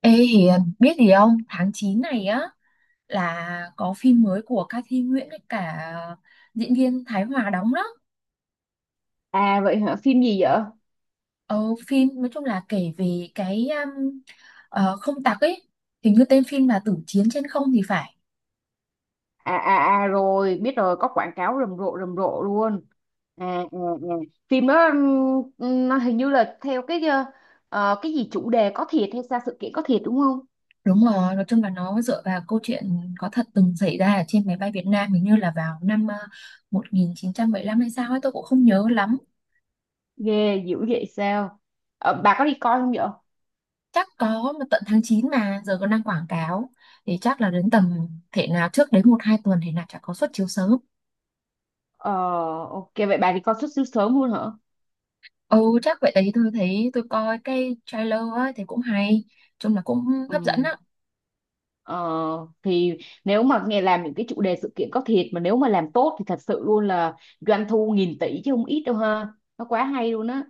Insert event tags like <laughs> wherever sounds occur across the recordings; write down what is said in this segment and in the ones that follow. Ê Hiền, biết gì không? Tháng 9 này á là có phim mới của ca Thi Nguyễn với cả diễn viên Thái Hòa đóng đó. À vậy hả? Phim gì vậy? Ờ, phim nói chung là kể về cái không tặc ấy. Hình như tên phim là Tử Chiến Trên Không thì phải. À rồi, biết rồi, có quảng cáo rầm rộ luôn. À, à, à. Phim đó nó hình như là theo cái gì chủ đề có thiệt hay sao, sự kiện có thiệt đúng không? Đúng rồi, nói chung là nó dựa vào câu chuyện có thật từng xảy ra ở trên máy bay Việt Nam hình như là vào năm 1975 hay sao ấy, tôi cũng không nhớ lắm. Ghê dữ vậy sao? Ờ, bà có đi coi không vậy? Chắc có mà tận tháng 9 mà giờ còn đang quảng cáo thì chắc là đến tầm, thể nào trước đấy một hai tuần thì là chả có suất chiếu sớm. Ờ, ok, vậy bà đi coi xuất xứ sớm luôn hả? Ừ, chắc vậy đấy, tôi thấy tôi coi cái trailer á thì cũng hay, chung là cũng hấp dẫn Ừ. á. Ờ, thì nếu mà nghe làm những cái chủ đề sự kiện có thiệt mà nếu mà làm tốt thì thật sự luôn là doanh thu nghìn tỷ chứ không ít đâu ha. Nó quá hay luôn á.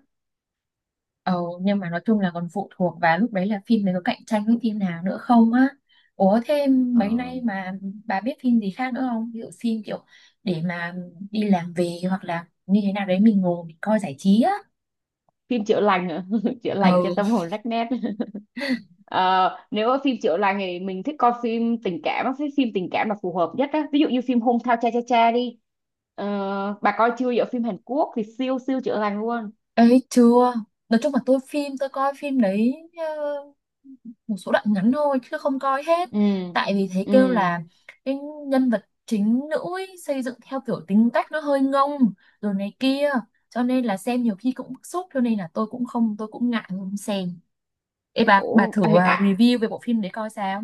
Ừ, nhưng mà nói chung là còn phụ thuộc vào lúc đấy là phim này có cạnh tranh với phim nào nữa không á. Ủa thêm Ờ, mấy nay mà bà biết phim gì khác nữa không, ví dụ phim kiểu để mà đi làm về hoặc là như thế nào đấy mình ngồi mình coi giải trí á. phim chữa lành hả? <laughs> Chữa lành cho Ừ tâm hồn rách nét. <laughs> Ờ, nếu mà phim chữa lành thì mình thích coi phim tình cảm á, phim phim tình cảm là phù hợp nhất á, ví dụ như phim Hôn Thao Cha Cha Cha đi. Ờ, bà coi chưa? Giờ phim Hàn Quốc thì siêu siêu chữa lành luôn. ấy chưa. Nói chung là tôi coi phim đấy, một số đoạn ngắn thôi chứ không coi hết, Ừ. tại vì thấy Ừ. kêu là cái nhân vật chính nữ ấy, xây dựng theo kiểu tính cách nó hơi ngông rồi này kia, cho nên là xem nhiều khi cũng bức xúc, cho nên là tôi cũng ngại không xem. Ê bà Ủa, thử à, à, review về bộ phim đấy coi sao.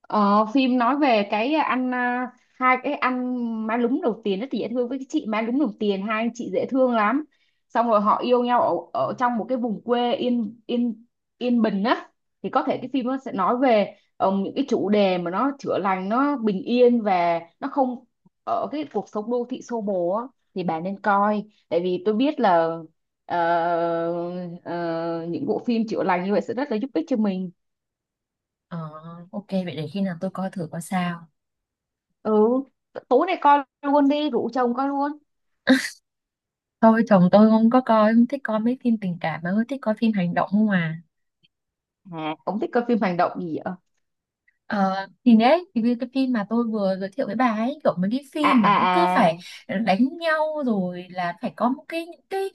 ờ, phim nói về cái anh, à, hai cái anh má lúm đầu tiền rất dễ thương với cái chị má lúm đầu tiền, hai anh chị dễ thương lắm, xong rồi họ yêu nhau ở trong một cái vùng quê yên yên yên bình á, thì có thể cái phim nó sẽ nói về những cái chủ đề mà nó chữa lành, nó bình yên và nó không ở cái cuộc sống đô thị xô bồ á, thì bạn nên coi. Tại vì tôi biết là ờ, ờ, những bộ phim chữa lành như vậy sẽ rất là giúp ích cho mình. Ờ ok vậy để khi nào tôi coi thử coi sao. Ừ, tối nay coi luôn đi, rủ chồng coi luôn. Thôi chồng tôi không có coi, không thích coi mấy phim tình cảm mà hơi thích coi phim hành động không à. À, ông thích coi phim hành động gì vậy? Ờ, thì đấy thì cái phim mà tôi vừa giới thiệu với bà ấy, kiểu mấy cái à phim mà nó cứ à phải à đánh nhau rồi là phải có một cái những cái,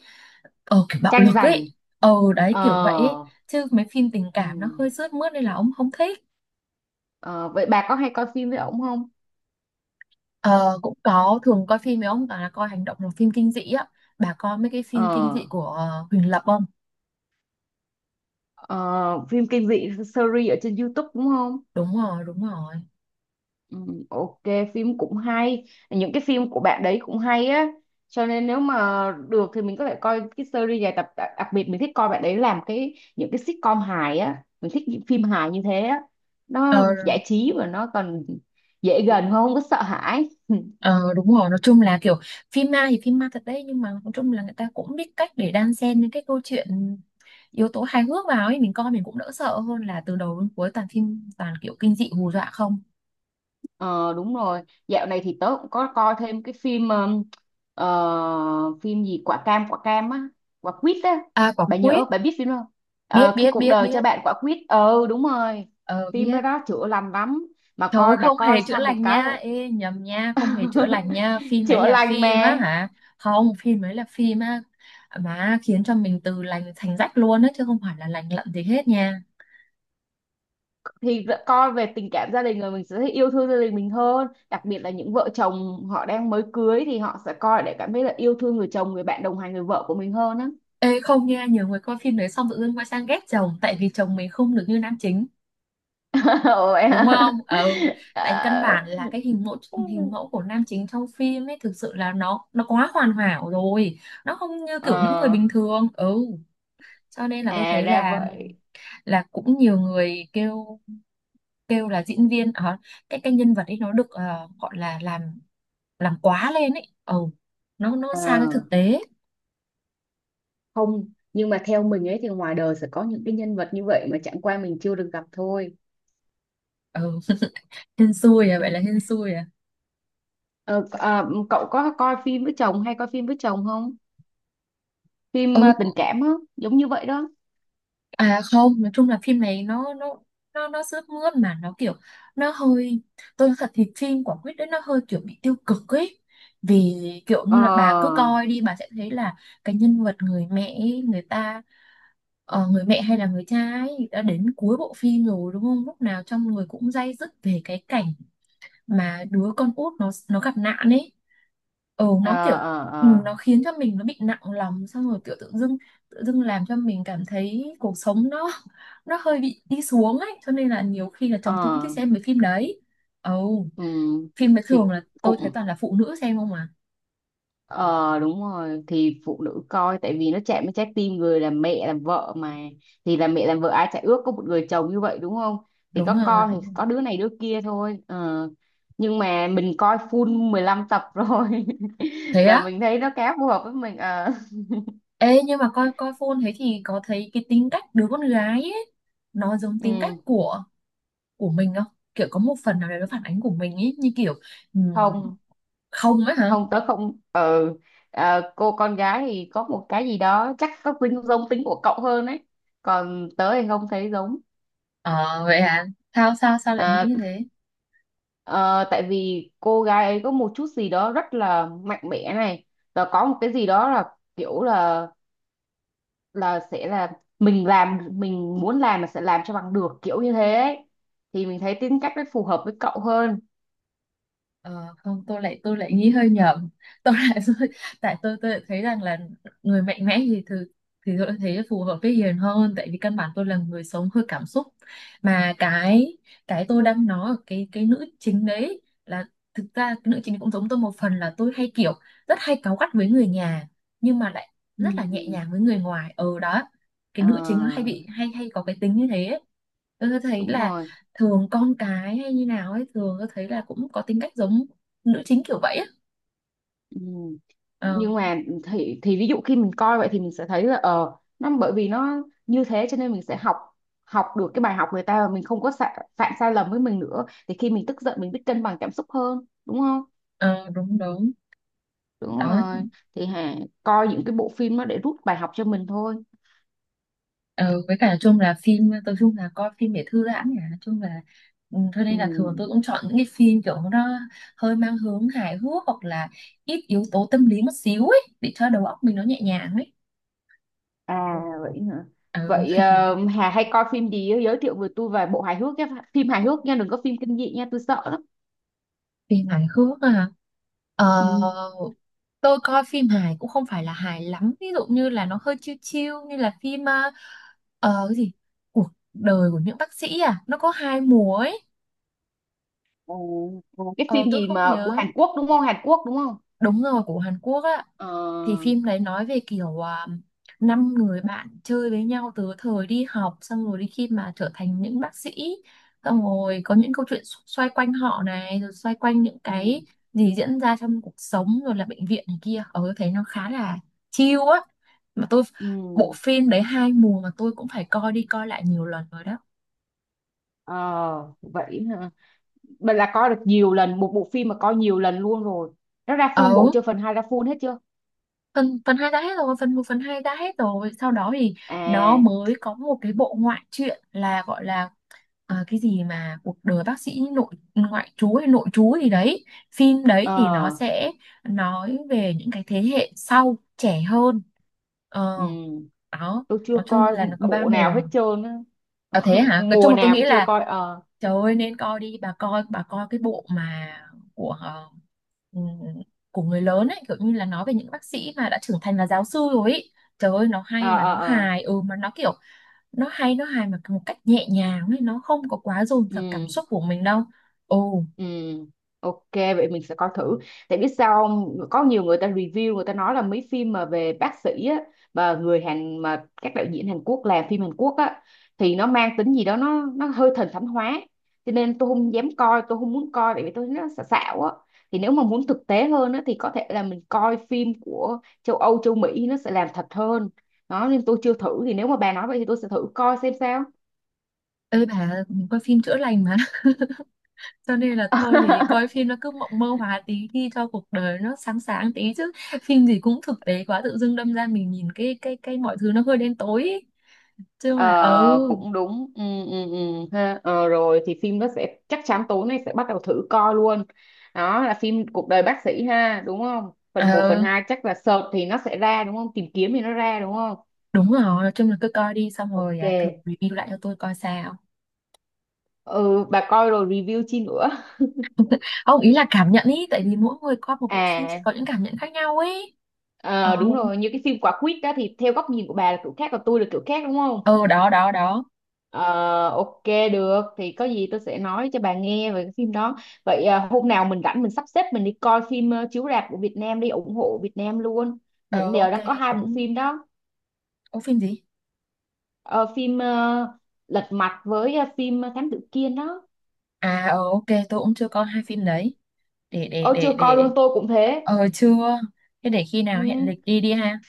kiểu bạo tranh lực giành. ấy, đấy Ờ. kiểu vậy ấy. Chứ mấy phim tình cảm nó Ừ. hơi sướt mướt nên là ông không thích. Ờ, vậy bà có hay coi phim với ổng không? Ờ cũng có, thường coi phim với ông toàn là coi hành động hoặc phim kinh dị á. Bà coi mấy cái phim kinh Ờ. dị của Huỳnh Lập không? Ờ, phim kinh dị series ở trên YouTube đúng không? Đúng rồi, đúng rồi. Ừ, ok, phim cũng hay, những cái phim của bạn đấy cũng hay á, cho nên nếu mà được thì mình có thể coi cái series dài tập, đặc biệt mình thích coi bạn đấy làm cái những cái sitcom hài á, mình thích những phim hài như thế á, Ờ. nó giải trí và nó còn dễ gần hơn, không có sợ hãi. <laughs> Ờ đúng rồi, nói chung là kiểu phim ma thì phim ma thật đấy, nhưng mà nói chung là người ta cũng biết cách để đan xen những cái câu chuyện yếu tố hài hước vào ấy, mình coi mình cũng đỡ sợ hơn là từ đầu đến cuối toàn phim toàn kiểu kinh dị hù dọa không. Ờ đúng rồi, dạo này thì tớ cũng có coi thêm cái phim ờ, phim gì quả cam, quả cam á, quả quýt á, À quả bà quýt, nhớ, bà biết phim không? biết Ờ, cái biết cuộc biết đời cho biết. bạn quả quýt, ừ đúng rồi, Ờ phim đó, biết. đó chữa lành lắm, mà Trời ơi coi, bà không coi hề chữa xong một lành cái nha, là ê nhầm nha, không hề chữa lành <laughs> nha, phim đấy chữa là lành phim á mà. hả? Không, phim đấy là phim á mà khiến cho mình từ lành thành rách luôn á chứ không phải là lành lặn gì hết nha. Thì r- coi về tình cảm gia đình rồi mình sẽ thấy yêu thương gia đình mình hơn, đặc biệt là những vợ chồng họ đang mới cưới thì họ sẽ coi để cảm thấy là yêu thương người chồng, người bạn đồng hành, người vợ của mình hơn á. Ê không nha, nhiều người coi phim đấy xong tự dưng quay sang ghét chồng tại vì chồng mình không được như nam chính, <laughs> Ủa vậy đúng hả? không? Ừ, tại căn Ờ. bản là cái hình mẫu của nam chính trong phim ấy thực sự là nó quá hoàn hảo rồi, nó không như kiểu những người Ờ, bình thường. Ừ, cho nên là tôi à thấy ra là vậy. Cũng nhiều người kêu, kêu là diễn viên ở cái nhân vật ấy nó được gọi là làm quá lên ấy. Ừ, nó Ờ, xa cái thực tế. không, nhưng mà theo mình ấy thì ngoài đời sẽ có những cái nhân vật như vậy mà chẳng qua mình chưa được gặp thôi. Ừ, <laughs> hên xui à, Ừ. vậy là hên xui à. Ờ, à, cậu có coi phim với chồng, hay coi phim với chồng không? Phim Ừ, à, tình cảm á, giống như vậy đó. À không, nói chung là phim này nó sướt mướt mà nó kiểu, nó hơi, tôi nói thật thì phim của Quyết đấy nó hơi kiểu bị tiêu cực ấy. Vì kiểu Ờ, như là bà cứ coi đi bà sẽ thấy là cái nhân vật người mẹ ấy, người ta, người mẹ hay là người cha ấy đã đến cuối bộ phim rồi đúng không? Lúc nào trong người cũng day dứt về cái cảnh mà đứa con út nó gặp nạn ấy, ừ nó kiểu, ờ, ờ, ừ, ờ, nó khiến cho mình nó bị nặng lòng xong rồi kiểu tự dưng làm cho mình cảm thấy cuộc sống nó hơi bị đi xuống ấy, cho nên là nhiều khi là chồng tôi cũng thích ờ, xem mấy phim đấy. Ồ ừ. phim đấy Thì thường là tôi thấy cũng, toàn là phụ nữ xem không mà. ờ đúng rồi, thì phụ nữ coi tại vì nó chạm đến trái tim người làm mẹ làm vợ mà, thì làm mẹ làm vợ ai chả ước có một người chồng như vậy đúng không, thì Đúng có rồi con đúng thì không. có đứa này đứa kia thôi ờ. Nhưng mà mình coi full 15 tập rồi <laughs> Thế và á. mình thấy nó khá phù hợp với mình ờ. Ê nhưng mà coi coi phone thế thì có thấy cái tính cách đứa con gái ấy nó giống tính cách Ừ. Của mình không, kiểu có một phần nào đấy nó phản ánh của mình ấy, như kiểu ừm, không không ấy hả. không tớ không, ừ. Ờ, cô con gái thì có một cái gì đó, chắc có tính giống tính của cậu hơn ấy, còn tớ thì không thấy giống. Ờ vậy à? Sao sao Sao lại nghĩ Ờ, như thế? ờ, tại vì cô gái ấy có một chút gì đó rất là mạnh mẽ này, và có một cái gì đó là kiểu là sẽ là mình làm mình muốn làm mà sẽ làm cho bằng được kiểu như thế ấy. Thì mình thấy tính cách nó phù hợp với cậu hơn. Ờ không, tôi lại nghĩ hơi nhầm. Tôi lại <laughs> tại tôi lại thấy rằng là người mạnh mẽ thì thường thì tôi lại thấy phù hợp với Hiền hơn, tại vì căn bản tôi là người sống hơi cảm xúc. Mà cái tôi đang nói ở cái nữ chính đấy, là thực ra cái nữ chính cũng giống tôi một phần là tôi hay kiểu rất hay cáu gắt với người nhà nhưng mà lại Ừ. rất là nhẹ nhàng với người ngoài. Ừ đó. Cái Ờ, nữ chính nó hay bị hay hay có cái tính như thế ấy. Tôi thấy đúng là rồi. thường con cái hay như nào ấy, thường tôi thấy là cũng có tính cách giống nữ chính kiểu vậy á. Ừ. Ờ, Nhưng mà thì ví dụ khi mình coi vậy thì mình sẽ thấy là ờ, nó bởi vì nó như thế cho nên mình sẽ học học được cái bài học người ta và mình không có sa, phạm sai lầm với mình nữa, thì khi mình tức giận mình biết cân bằng cảm xúc hơn đúng không? ờ, đúng đúng Đúng đó. rồi, thì Hà coi những cái bộ phim nó để rút bài học cho mình thôi. Ờ, với cả chung là phim tôi chung là coi phim để thư giãn nhỉ, chung là, ừ, cho Ừ. nên là thường tôi cũng chọn những cái phim kiểu nó hơi mang hướng hài hước hoặc là ít yếu tố tâm lý một xíu ấy để cho đầu óc mình nó nhẹ nhàng ấy. Ừ. À vậy hả? Ừ. Vậy ờ, <laughs> Hà hay coi phim gì á? Giới thiệu với tôi vài bộ hài hước nhé, phim hài hước nha, đừng có phim kinh dị nha, tôi sợ lắm. Phim hài hước à. Ờ Ừ. tôi coi phim hài cũng không phải là hài lắm, ví dụ như là nó hơi chill chill như là phim cái gì, cuộc đời của những bác sĩ à, nó có 2 mùa ấy. Ờ, ờ, cái Ờ phim tôi gì không mà của nhớ. Hàn Quốc đúng không, Hàn Quốc đúng không? Đúng rồi, của Hàn Quốc á. Ờ. Thì phim đấy nói về kiểu à, 5 người bạn chơi với nhau từ thời đi học, xong rồi đi khi mà trở thành những bác sĩ, xong rồi có những câu chuyện xoay quanh họ này rồi xoay quanh những Ừ, cái gì diễn ra trong cuộc sống rồi là bệnh viện này kia. Ờ tôi thấy nó khá là chill á. Mà tôi, bộ ừ, phim đấy 2 mùa mà tôi cũng phải coi đi coi lại nhiều lần rồi đó. ờ vậy hả? Bạn là coi được nhiều lần một bộ phim mà coi nhiều lần luôn rồi, nó ra Ờ full bộ chưa, phần 2 ra full hết chưa? phần phần hai đã hết rồi, phần một phần hai đã hết rồi, sau đó thì nó À. mới có một cái bộ ngoại truyện là gọi là cái gì mà cuộc đời bác sĩ nội ngoại trú hay nội trú gì đấy. Phim đấy thì nó Ờ. sẽ nói về những cái thế hệ sau trẻ hơn. Ờ Ừ, đó. tôi chưa Nói chung coi là nó có ba bộ nào mùa hết trơn á. À, <laughs> thế hả, nói chung Mùa là tôi nào nghĩ cũng chưa là, coi ờ. trời ơi nên coi đi bà, coi bà coi cái bộ mà của ừm, của người lớn ấy, kiểu như là nói về những bác sĩ mà đã trưởng thành là giáo sư rồi ấy. Trời ơi nó hay ờ mà ờ nó ờ hài, ừ mà nó kiểu, nó hài mà một cách nhẹ nhàng ấy, nó không có quá dồn dập cảm ừ. xúc của mình đâu. Ồ Ừ, ok, vậy mình sẽ coi thử, tại biết sao không, có nhiều người ta review, người ta nói là mấy phim mà về bác sĩ á, và người Hàn mà các đạo diễn Hàn Quốc làm phim Hàn Quốc á thì nó mang tính gì đó, nó hơi thần thánh hóa, cho nên tôi không dám coi, tôi không muốn coi tại vì tôi thấy nó xạo xạo á. Thì nếu mà muốn thực tế hơn á thì có thể là mình coi phim của châu Âu, châu Mỹ, nó sẽ làm thật hơn đó, nên tôi chưa thử, thì nếu mà bà nói vậy thì tôi sẽ thử coi xem sao. ơi bà, mình coi phim chữa lành mà <laughs> cho nên là thôi thì coi <laughs> phim nó cứ mộng mơ hóa tí đi cho cuộc đời nó sáng sáng tí chứ, phim gì cũng thực tế quá tự dưng đâm ra mình nhìn cái mọi thứ nó hơi đen tối ấy. Chứ là, ờ, Ờ, ừ. cũng đúng, ừ, ừ, ừ, ha. Ờ, rồi thì phim nó sẽ, chắc chắn tối nay sẽ bắt đầu thử coi luôn, đó là phim cuộc đời bác sĩ ha đúng không, phần một Ờ, phần hai, chắc là search thì nó sẽ ra đúng không, tìm kiếm thì nó ra đúng không? đúng rồi, nói chung là cứ coi đi xong rồi Ok. à, thử review lại cho tôi coi sao. Ừ, bà coi rồi review chi nữa. Không, ý là cảm nhận ý, tại <laughs> vì mỗi người coi một bộ phim sẽ À, có những cảm nhận khác nhau ấy. Ờ, ờ, đúng rồi, như cái phim quả quýt đó thì theo góc nhìn của bà là kiểu khác, còn tôi là kiểu khác đúng không? ờ đó, đó, đó. Ờ, ok, được thì có gì tôi sẽ nói cho bà nghe về cái phim đó. Vậy à, hôm nào mình rảnh mình sắp xếp mình đi coi phim ờ, chiếu rạp của Việt Nam, đi ủng hộ Việt Nam luôn. Mình Ờ, đều ok, đang có hai bộ cũng... phim đó. Có phim gì? Ờ, phim ờ, Lật Mặt với ờ, phim ờ, Thám Tử Kiên đó. À, ờ, ok, tôi cũng chưa coi hai phim đấy. Ôi chưa coi Để... luôn, tôi cũng thế. Ờ, chưa. Thế để khi nào hẹn Ừ. lịch đi đi ha.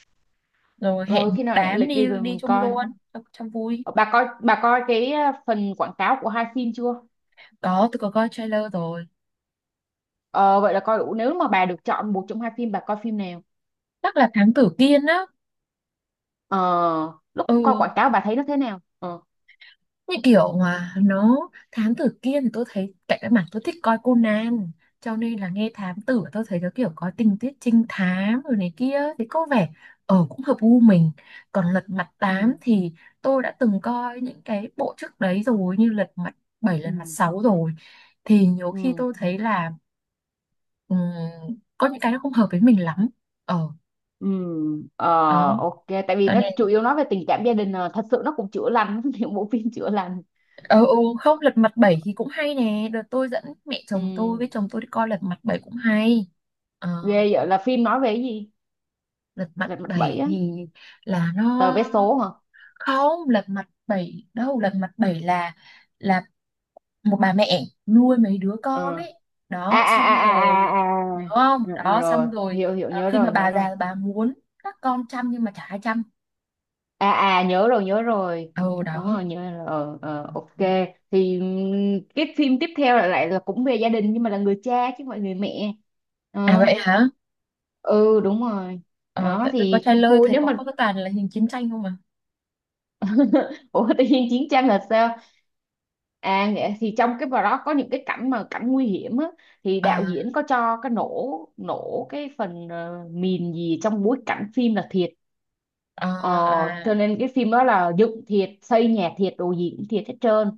Rồi hẹn Ờ, khi một nào hẹn đám lịch đi đi rồi đi mình chung coi. luôn, cho vui. Ờ, bà coi, bà coi cái ờ, phần quảng cáo của hai phim chưa? Có, tôi có coi trailer rồi. Ờ, vậy là coi đủ, nếu mà bà được chọn một trong hai phim bà coi phim nào? Chắc là Thám Tử Kiên á. Ờ, lúc coi Ừ, quảng cáo bà thấy nó thế nào? Ờ, như kiểu mà nó, thám tử kia thì tôi thấy cạnh cái mảng tôi thích coi Conan, cho nên là nghe thám tử tôi thấy nó kiểu có tình tiết trinh thám rồi này kia thì có vẻ ở cũng hợp gu mình. Còn Lật Mặt ừ. Tám thì tôi đã từng coi những cái bộ trước đấy rồi như Lật Mặt Bảy Lật Mặt ừ Sáu rồi, thì nhiều khi ừ tôi thấy là ừm, có những cái nó không hợp với mình lắm, ờ ừ ờ đó ok, tại vì cho nó nên. chủ yếu nói về tình cảm gia đình à. Thật sự nó cũng chữa lành, <laughs> những bộ phim chữa lành. Ờ, ừ, không Lật Mặt Bảy thì cũng hay nè, đợt tôi dẫn mẹ chồng tôi với Ừ. chồng tôi đi coi Lật Mặt Bảy cũng hay. Ờ, Ghê vậy, là phim nói về cái gì? Lật Mặt Lật mặt bảy Bảy á? thì là Tờ nó, vé số hả? không Lật Mặt Bảy đâu, Lật Mặt Bảy là là một bà mẹ nuôi mấy đứa con Ừ. ấy, à đó à à xong à à rồi, nhớ à không ừ, ừ, đó rồi, xong rồi, hiểu hiểu, ờ, nhớ khi mà rồi nhớ bà rồi. già bà muốn các con chăm nhưng mà chả ai chăm. À à, nhớ rồi nhớ rồi. Ừ Đúng đó. rồi, nhớ rồi, ờ, ờ, ok. Thì cái phim tiếp theo lại lại là cũng về gia đình nhưng mà là người cha chứ không phải người mẹ. À Ờ. vậy hả, Ừ đúng rồi. ờ, Đó tại tôi có thì trai lơi thôi, thấy nếu có mà cái toàn là hình chiến tranh không <laughs> ủa tự nhiên chiến tranh là sao? À nghĩa-, thì trong cái vào đó có những cái cảnh mà cảnh nguy hiểm á, thì đạo mà. diễn có cho cái nổ, nổ cái phần ờ, mìn gì trong bối cảnh phim là thiệt. À, Ờ, cho à. nên cái phim đó là dựng thiệt, xây nhà thiệt, đồ gì cũng thiệt hết trơn.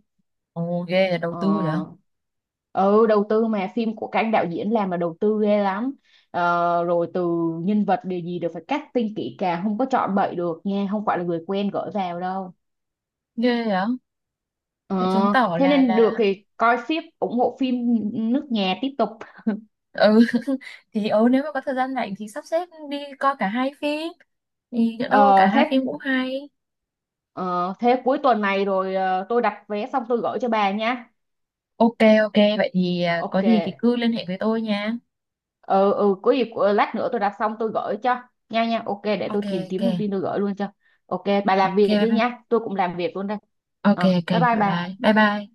Ồ ghê là đầu Ờ, tư vậy. ừ, đầu tư mà, phim của các anh đạo diễn làm là đầu tư ghê lắm. Ờ, rồi từ nhân vật điều gì đều phải casting kỹ càng, không có chọn bậy được nha, không phải là người quen gửi vào đâu. Ghê vậy. Ờ, Thế chứng tỏ thế là nên được thì coi phim ủng hộ phim nước nhà tiếp tục. ừ <laughs> thì ừ nếu mà có thời gian rảnh thì sắp xếp đi coi cả hai phim, thì nhỡ đâu cả Ờ, hai phim thế cũng hay. ờ, thế cuối tuần này rồi ờ, tôi đặt vé xong tôi gửi cho bà nha. Ok ok vậy thì à, Ok, có gì thì cứ liên hệ với tôi nha. ừ, ừ, có gì của-, lát nữa tôi đặt xong tôi gửi cho, nha nha, ok, để tôi Ok tìm ok kiếm thông tin tôi gửi luôn cho. Ok, bà ok làm việc bye đi bye. nha, tôi cũng làm việc luôn đây. Ok Ờ, ok bye bye bye bye bà. bye bye.